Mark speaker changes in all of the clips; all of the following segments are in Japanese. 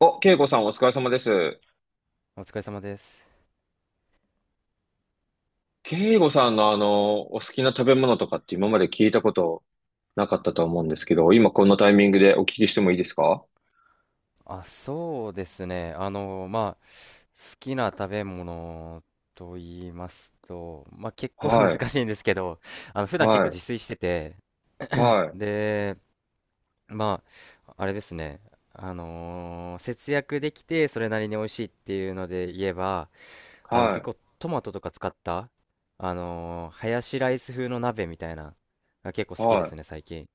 Speaker 1: お、慶吾さんお疲れ様です。
Speaker 2: お疲れ様です。
Speaker 1: 慶吾さんのお好きな食べ物とかって今まで聞いたことなかったと思うんですけど、今このタイミングでお聞きしてもいいですか？
Speaker 2: あ、そうですね。まあ、好きな食べ物と言いますと、まあ、結構 難
Speaker 1: はい、
Speaker 2: しいんですけど、普段結
Speaker 1: は
Speaker 2: 構
Speaker 1: い、
Speaker 2: 自炊してて、
Speaker 1: はい、
Speaker 2: で、まあ、あれですね。節約できて、それなりに美味しいっていうので言えば、
Speaker 1: は
Speaker 2: 結
Speaker 1: い、
Speaker 2: 構トマトとか使った、ハヤシライス風の鍋みたいな、が結構好きで
Speaker 1: は
Speaker 2: す
Speaker 1: い。
Speaker 2: ね、最近。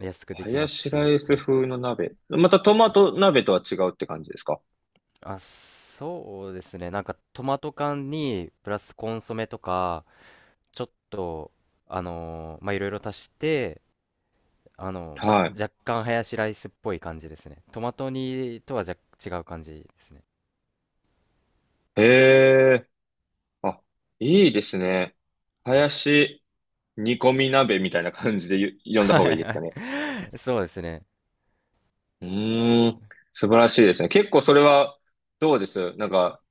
Speaker 2: 安くで
Speaker 1: ハ
Speaker 2: き
Speaker 1: ヤ
Speaker 2: ます
Speaker 1: シラ
Speaker 2: し、
Speaker 1: イス
Speaker 2: はい。
Speaker 1: 風の鍋。またトマト鍋とは違うって感じですか？
Speaker 2: あ、そうですね。なんかトマト缶にプラスコンソメとかちょっとまあいろいろ足して、まあ、
Speaker 1: はい。
Speaker 2: 若干ハヤシライスっぽい感じですね。トマト煮とはじゃ違う感じですね。
Speaker 1: へえ、あ、いいですね。ハ
Speaker 2: はい
Speaker 1: ヤシ煮込み鍋みたいな感じで呼んだ
Speaker 2: は
Speaker 1: 方がい
Speaker 2: い
Speaker 1: いですかね。
Speaker 2: はい。そうですね。
Speaker 1: うーん、素晴らしいですね。結構それは、どうですなんか、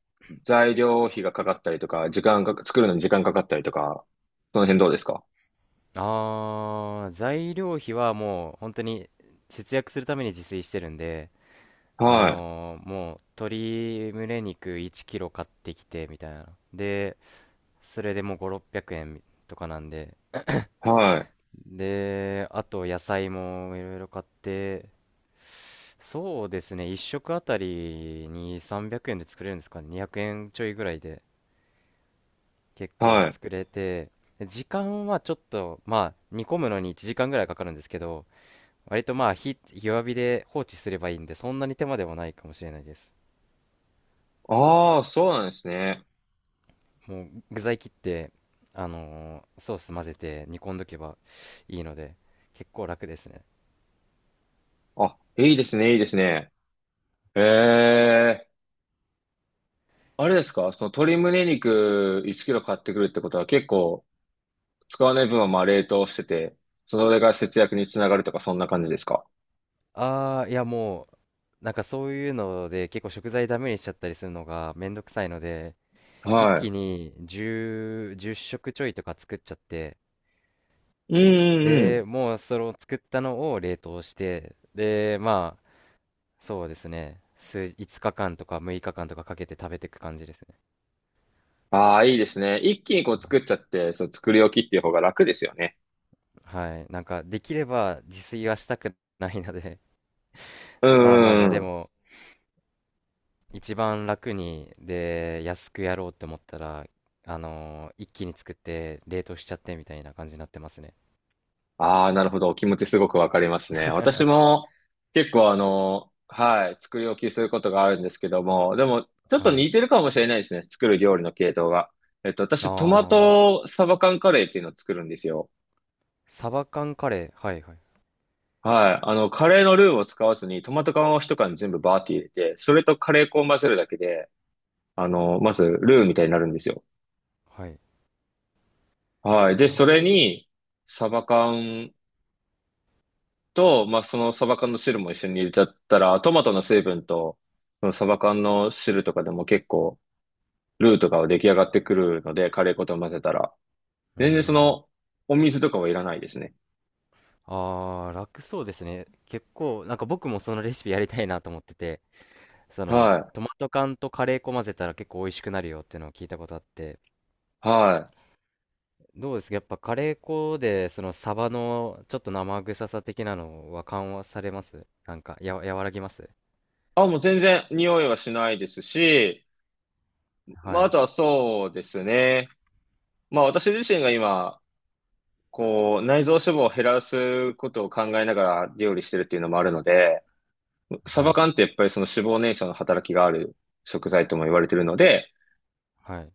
Speaker 1: 材料費がかかったりとか、時間が、作るのに時間かかったりとか、その辺どうですか？
Speaker 2: あー、材料費はもう本当に節約するために自炊してるんで、
Speaker 1: はい、
Speaker 2: もう鶏胸肉1キロ買ってきてみたいな。で、それでもう5、600円とかなんで。
Speaker 1: はい、
Speaker 2: で、あと野菜もいろいろ買って、そうですね、1食あたりに300円で作れるんですかね、200円ちょいぐらいで結構
Speaker 1: はい。
Speaker 2: 作れて、で時間はちょっと、まあ、煮込むのに1時間ぐらいかかるんですけど、割とまあ火、弱火で放置すればいいんで、そんなに手間でもないかもしれないです。
Speaker 1: ああ、そうなんですね。
Speaker 2: もう具材切って、ソース混ぜて煮込んどけばいいので、結構楽ですね。
Speaker 1: あ、いいですね、いいですね。ええ、あれですかその鶏胸肉1キロ買ってくるってことは結構、使わない分はまあ冷凍してて、それが節約につながるとか、そんな感じですか？
Speaker 2: ああ、いやもう、なんかそういうので結構食材ダメにしちゃったりするのがめんどくさいので、一
Speaker 1: はい。
Speaker 2: 気に10、じゅっ食ちょいとか作っちゃって、
Speaker 1: うん、うん、
Speaker 2: で、もうその作ったのを冷凍して、で、まあ、そうですね、5日間とか6日間とかかけて食べていく感じですね。
Speaker 1: ああ、いいですね。一気にこう作っちゃって、そう、作り置きっていう方が楽ですよね。
Speaker 2: はい。なんかできれば自炊はしたくないので、
Speaker 1: う
Speaker 2: まあまあ
Speaker 1: ん
Speaker 2: ま
Speaker 1: う
Speaker 2: あ、で
Speaker 1: んうん。
Speaker 2: も、一番楽にで安くやろうって思ったら一気に作って冷凍しちゃってみたいな感じになってますね。
Speaker 1: ああ、なるほど。お気持ちすごくわかりますね。私 も結構はい、作り置きすることがあるんですけども、でも、ちょっと
Speaker 2: はい。
Speaker 1: 似てるかもしれないですね。作る料理の系統が。
Speaker 2: あ
Speaker 1: 私、トマ
Speaker 2: ー、
Speaker 1: トサバ缶カレーっていうのを作るんですよ。
Speaker 2: サバ缶カレー、はいはい
Speaker 1: はい。カレーのルーを使わずに、トマト缶を一缶全部バーって入れて、それとカレー粉を混ぜるだけで、まず、ルーみたいになるんですよ。
Speaker 2: はい。
Speaker 1: はい。で、
Speaker 2: あ
Speaker 1: それに、サバ缶と、まあ、そのサバ缶の汁も一緒に入れちゃったら、トマトの成分と、そのサバ缶の汁とかでも結構、ルーとかは出来上がってくるので、カレー粉と混ぜたら。
Speaker 2: ー、うー
Speaker 1: 全然そ
Speaker 2: ん。
Speaker 1: の、お水とかはいらないですね。
Speaker 2: あー、楽そうですね。結構なんか僕もそのレシピやりたいなと思ってて、その
Speaker 1: はい。
Speaker 2: トマト缶とカレー粉混ぜたら結構美味しくなるよっていうのを聞いたことあって。
Speaker 1: はい。
Speaker 2: どうですか、やっぱカレー粉でそのサバのちょっと生臭さ的なのは緩和されます、なんか、和らぎます？
Speaker 1: あ、もう全然匂いはしないですし、
Speaker 2: は
Speaker 1: まあ、あ
Speaker 2: い
Speaker 1: とはそうですね。まあ、私自身が今、こう、内臓脂肪を減らすことを考えながら料理してるっていうのもあるので、サ
Speaker 2: は
Speaker 1: バ
Speaker 2: い。
Speaker 1: 缶ってやっぱりその脂肪燃焼の働きがある食材とも言われてるの
Speaker 2: あ、
Speaker 1: で、
Speaker 2: はい。う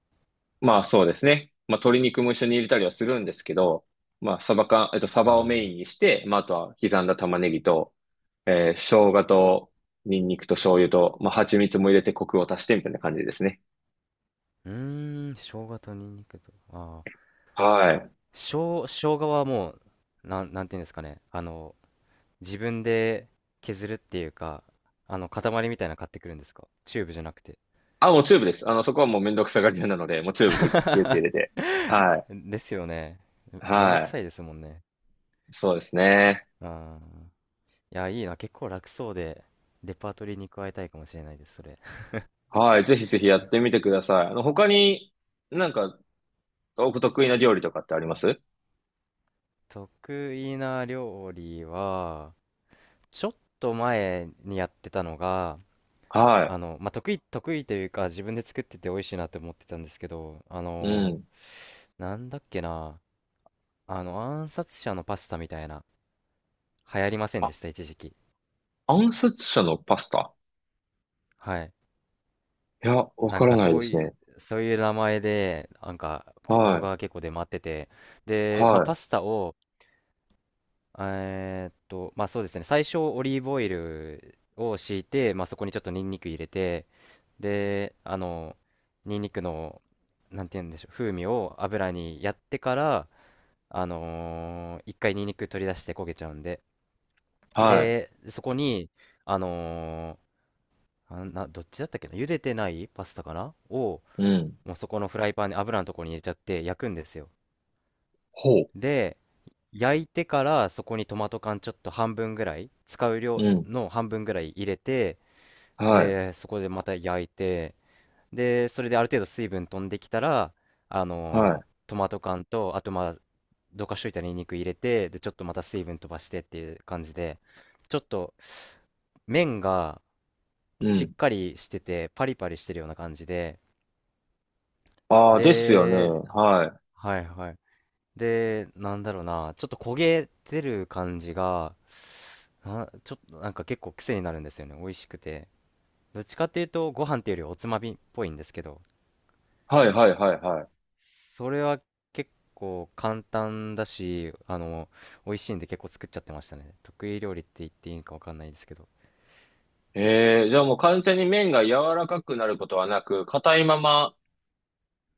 Speaker 1: まあそうですね。まあ鶏肉も一緒に入れたりはするんですけど、まあサバ缶、サ
Speaker 2: ー
Speaker 1: バをメ
Speaker 2: ん、
Speaker 1: インにして、まああとは刻んだ玉ねぎと、生姜とニンニクと醤油と、まあ蜂蜜も入れてコクを足してみたいな感じですね。
Speaker 2: うーん、生姜とニンニクと、ああ
Speaker 1: はい。
Speaker 2: ー、生姜はもう、なんていうんですかね、あの自分で削るっていうか、あの塊みたいなの買ってくるんですか？チューブじゃなくて。
Speaker 1: あ、もうチューブです。そこはもうめんどくさがり屋なので、もうチューブでギュッて入れ て。はい。
Speaker 2: ですよね、めめんど
Speaker 1: は
Speaker 2: くさい
Speaker 1: い。
Speaker 2: ですもんね。
Speaker 1: そうですね。
Speaker 2: ああ、いや、いいな。結構楽そうで、レパートリーに加えたいかもしれないです、それ。
Speaker 1: はい。ぜひぜひやってみてください。他になんかお得意な料理とかってあります
Speaker 2: 得意な料理は、ちょっと前にやってたのが、
Speaker 1: は
Speaker 2: あの、まあ、得意というか、自分で作ってて美味しいなって思ってたんですけど、
Speaker 1: い。うん。
Speaker 2: なんだっけな、あの、暗殺者のパスタみたいな、流行りません
Speaker 1: あ、
Speaker 2: でした、一時期。
Speaker 1: 暗殺者のパスタ？
Speaker 2: はい。
Speaker 1: いや、わ
Speaker 2: な
Speaker 1: か
Speaker 2: ん
Speaker 1: ら
Speaker 2: か
Speaker 1: ないで
Speaker 2: そう
Speaker 1: す
Speaker 2: い
Speaker 1: ね。
Speaker 2: う、名前で、なんか、
Speaker 1: は
Speaker 2: 動画
Speaker 1: い。
Speaker 2: が結構出回ってて、で、まあ、パ
Speaker 1: は
Speaker 2: スタを、まあそうですね、最初オリーブオイルを敷いて、まあそこにちょっとニンニク入れて、で、あの、ニンニクの、なんて言うんでしょう、風味を油にやってから、一回ニンニク取り出して焦げちゃうんで、
Speaker 1: い。は
Speaker 2: で、そこに、あのーあな、どっちだったっけな、茹でてないパスタかなを、
Speaker 1: い。うん。
Speaker 2: もうそこのフライパンに油のところに入れちゃって焼くんですよ。
Speaker 1: ほう。
Speaker 2: で、焼いてからそこにトマト缶ちょっと半分ぐらい、使う量
Speaker 1: うん。
Speaker 2: の半分ぐらい入れて、
Speaker 1: はい。
Speaker 2: で、そこでまた焼いて、で、それである程度水分飛んできたら、
Speaker 1: は
Speaker 2: トマト缶と、あとまあ、どかしといたニンニク入れて、で、ちょっとまた水分飛ばしてっていう感じで、ちょっと麺が
Speaker 1: い。う
Speaker 2: しっ
Speaker 1: ん。
Speaker 2: かりしてて、パリパリしてるような感じで、
Speaker 1: ああ、ですよね。
Speaker 2: で、
Speaker 1: はい。
Speaker 2: はいはい。で、なんだろうな、ちょっと焦げてる感じが、あ、ちょっとなんか結構癖になるんですよね。美味しくて。どっちかっていうとご飯っていうよりおつまみっぽいんですけど、
Speaker 1: はい、はい、はい、はい。
Speaker 2: それは結構簡単だし、美味しいんで結構作っちゃってましたね。得意料理って言っていいのかわかんないですけど。
Speaker 1: ええじゃあもう完全に麺が柔らかくなることはなく、硬いまま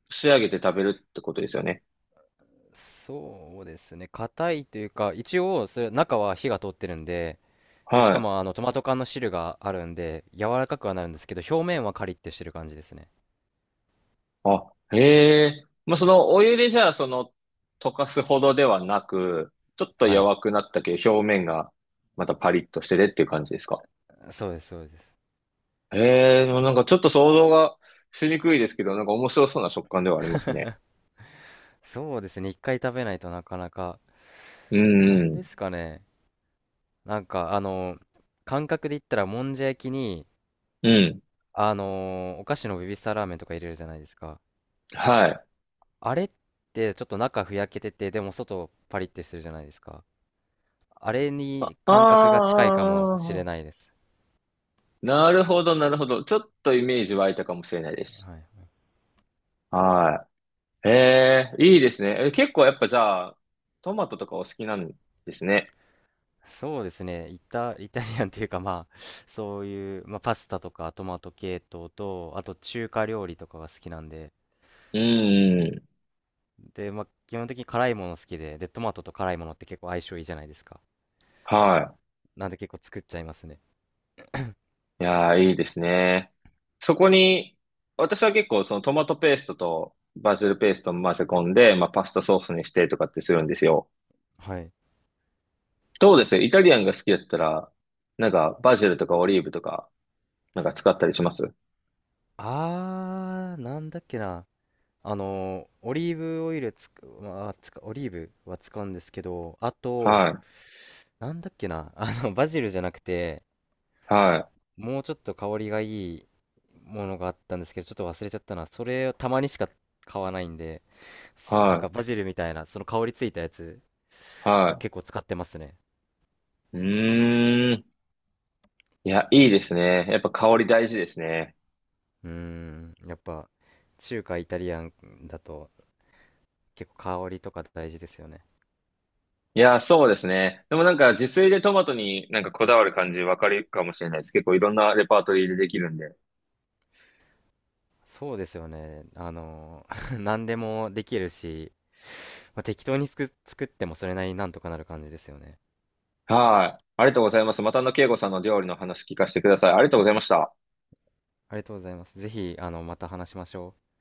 Speaker 1: 仕上げて食べるってことですよね。
Speaker 2: そうですね。硬いというか、一応それ中は火が通ってるんで、で、し
Speaker 1: は
Speaker 2: か
Speaker 1: い。
Speaker 2: もあのトマト缶の汁があるんで、柔らかくはなるんですけど、表面はカリッてしてる感じですね。
Speaker 1: あ、へえ。まあ、そのお湯でじゃあ、その、溶かすほどではなく、ちょっと
Speaker 2: はい。
Speaker 1: 弱くなったけど、表面がまたパリッとしててっていう感じですか？
Speaker 2: そうです、そうです。
Speaker 1: へえ、でもなんかちょっと想像がしにくいですけど、なんか面白そうな食感ではありますね。
Speaker 2: そうですね。一回食べないとなかなか。
Speaker 1: う
Speaker 2: な
Speaker 1: ん、う
Speaker 2: んで
Speaker 1: ん、
Speaker 2: すかね。なんかあの感覚で言ったらもんじゃ焼きに、
Speaker 1: うん。
Speaker 2: あのお菓子のベビースターラーメンとか入れるじゃないですか？
Speaker 1: はい。
Speaker 2: あれってちょっと中ふやけててでも外パリってするじゃないですか？あれに
Speaker 1: あ
Speaker 2: 感覚が近いかもしれ
Speaker 1: あ、
Speaker 2: ないです。
Speaker 1: なるほど、なるほど。ちょっとイメージ湧いたかもしれないです。
Speaker 2: はい、
Speaker 1: はい。へえ、いいですね。え、結構やっぱじゃあ、トマトとかお好きなんですね。
Speaker 2: そうですね、イタリアンっていうか、まあそういう、まあ、パスタとかトマト系統とあと中華料理とかが好きなんで、
Speaker 1: うん、
Speaker 2: で、まあ、基本的に辛いもの好きで、トマトと辛いものって結構相性いいじゃないですか？
Speaker 1: は
Speaker 2: なんで結構作っちゃいますね。
Speaker 1: い。いやー、いいですね。そこに、私は結構そのトマトペーストとバジルペーストを混ぜ込んで、まあパスタソースにしてとかってするんですよ。
Speaker 2: はい。
Speaker 1: どうですイタリアンが好きだったら、なんかバジルとかオリーブとか、なんか使ったりします
Speaker 2: あー、なんだっけな。あの、オリーブオイルまあ、オリーブは使うんですけど、あと、
Speaker 1: はい。
Speaker 2: なんだっけな。あの、バジルじゃなくて、
Speaker 1: はい。
Speaker 2: もうちょっと香りがいいものがあったんですけど、ちょっと忘れちゃったな。それをたまにしか買わないんで、なんか
Speaker 1: は
Speaker 2: バジルみたいな、その香りついたやつ
Speaker 1: い。
Speaker 2: を
Speaker 1: は
Speaker 2: 結構使ってますね。
Speaker 1: い。うーん。いや、いいですね。やっぱ香り大事ですね。
Speaker 2: うーん、やっぱ、中華イタリアンだと結構香りとか大事ですよね。
Speaker 1: いや、そうですね。でもなんか自炊でトマトになんかこだわる感じわかるかもしれないです。結構いろんなレパートリーでできるんで。
Speaker 2: そうですよね。あの、何でもできるし、まあ、適当に作ってもそれなりになんとかなる感じですよね。
Speaker 1: はい。ありがとうございます。また慶吾さんの料理の話聞かせてください。ありがとうございました。
Speaker 2: ありがとうございます。ぜひ、また話しましょう。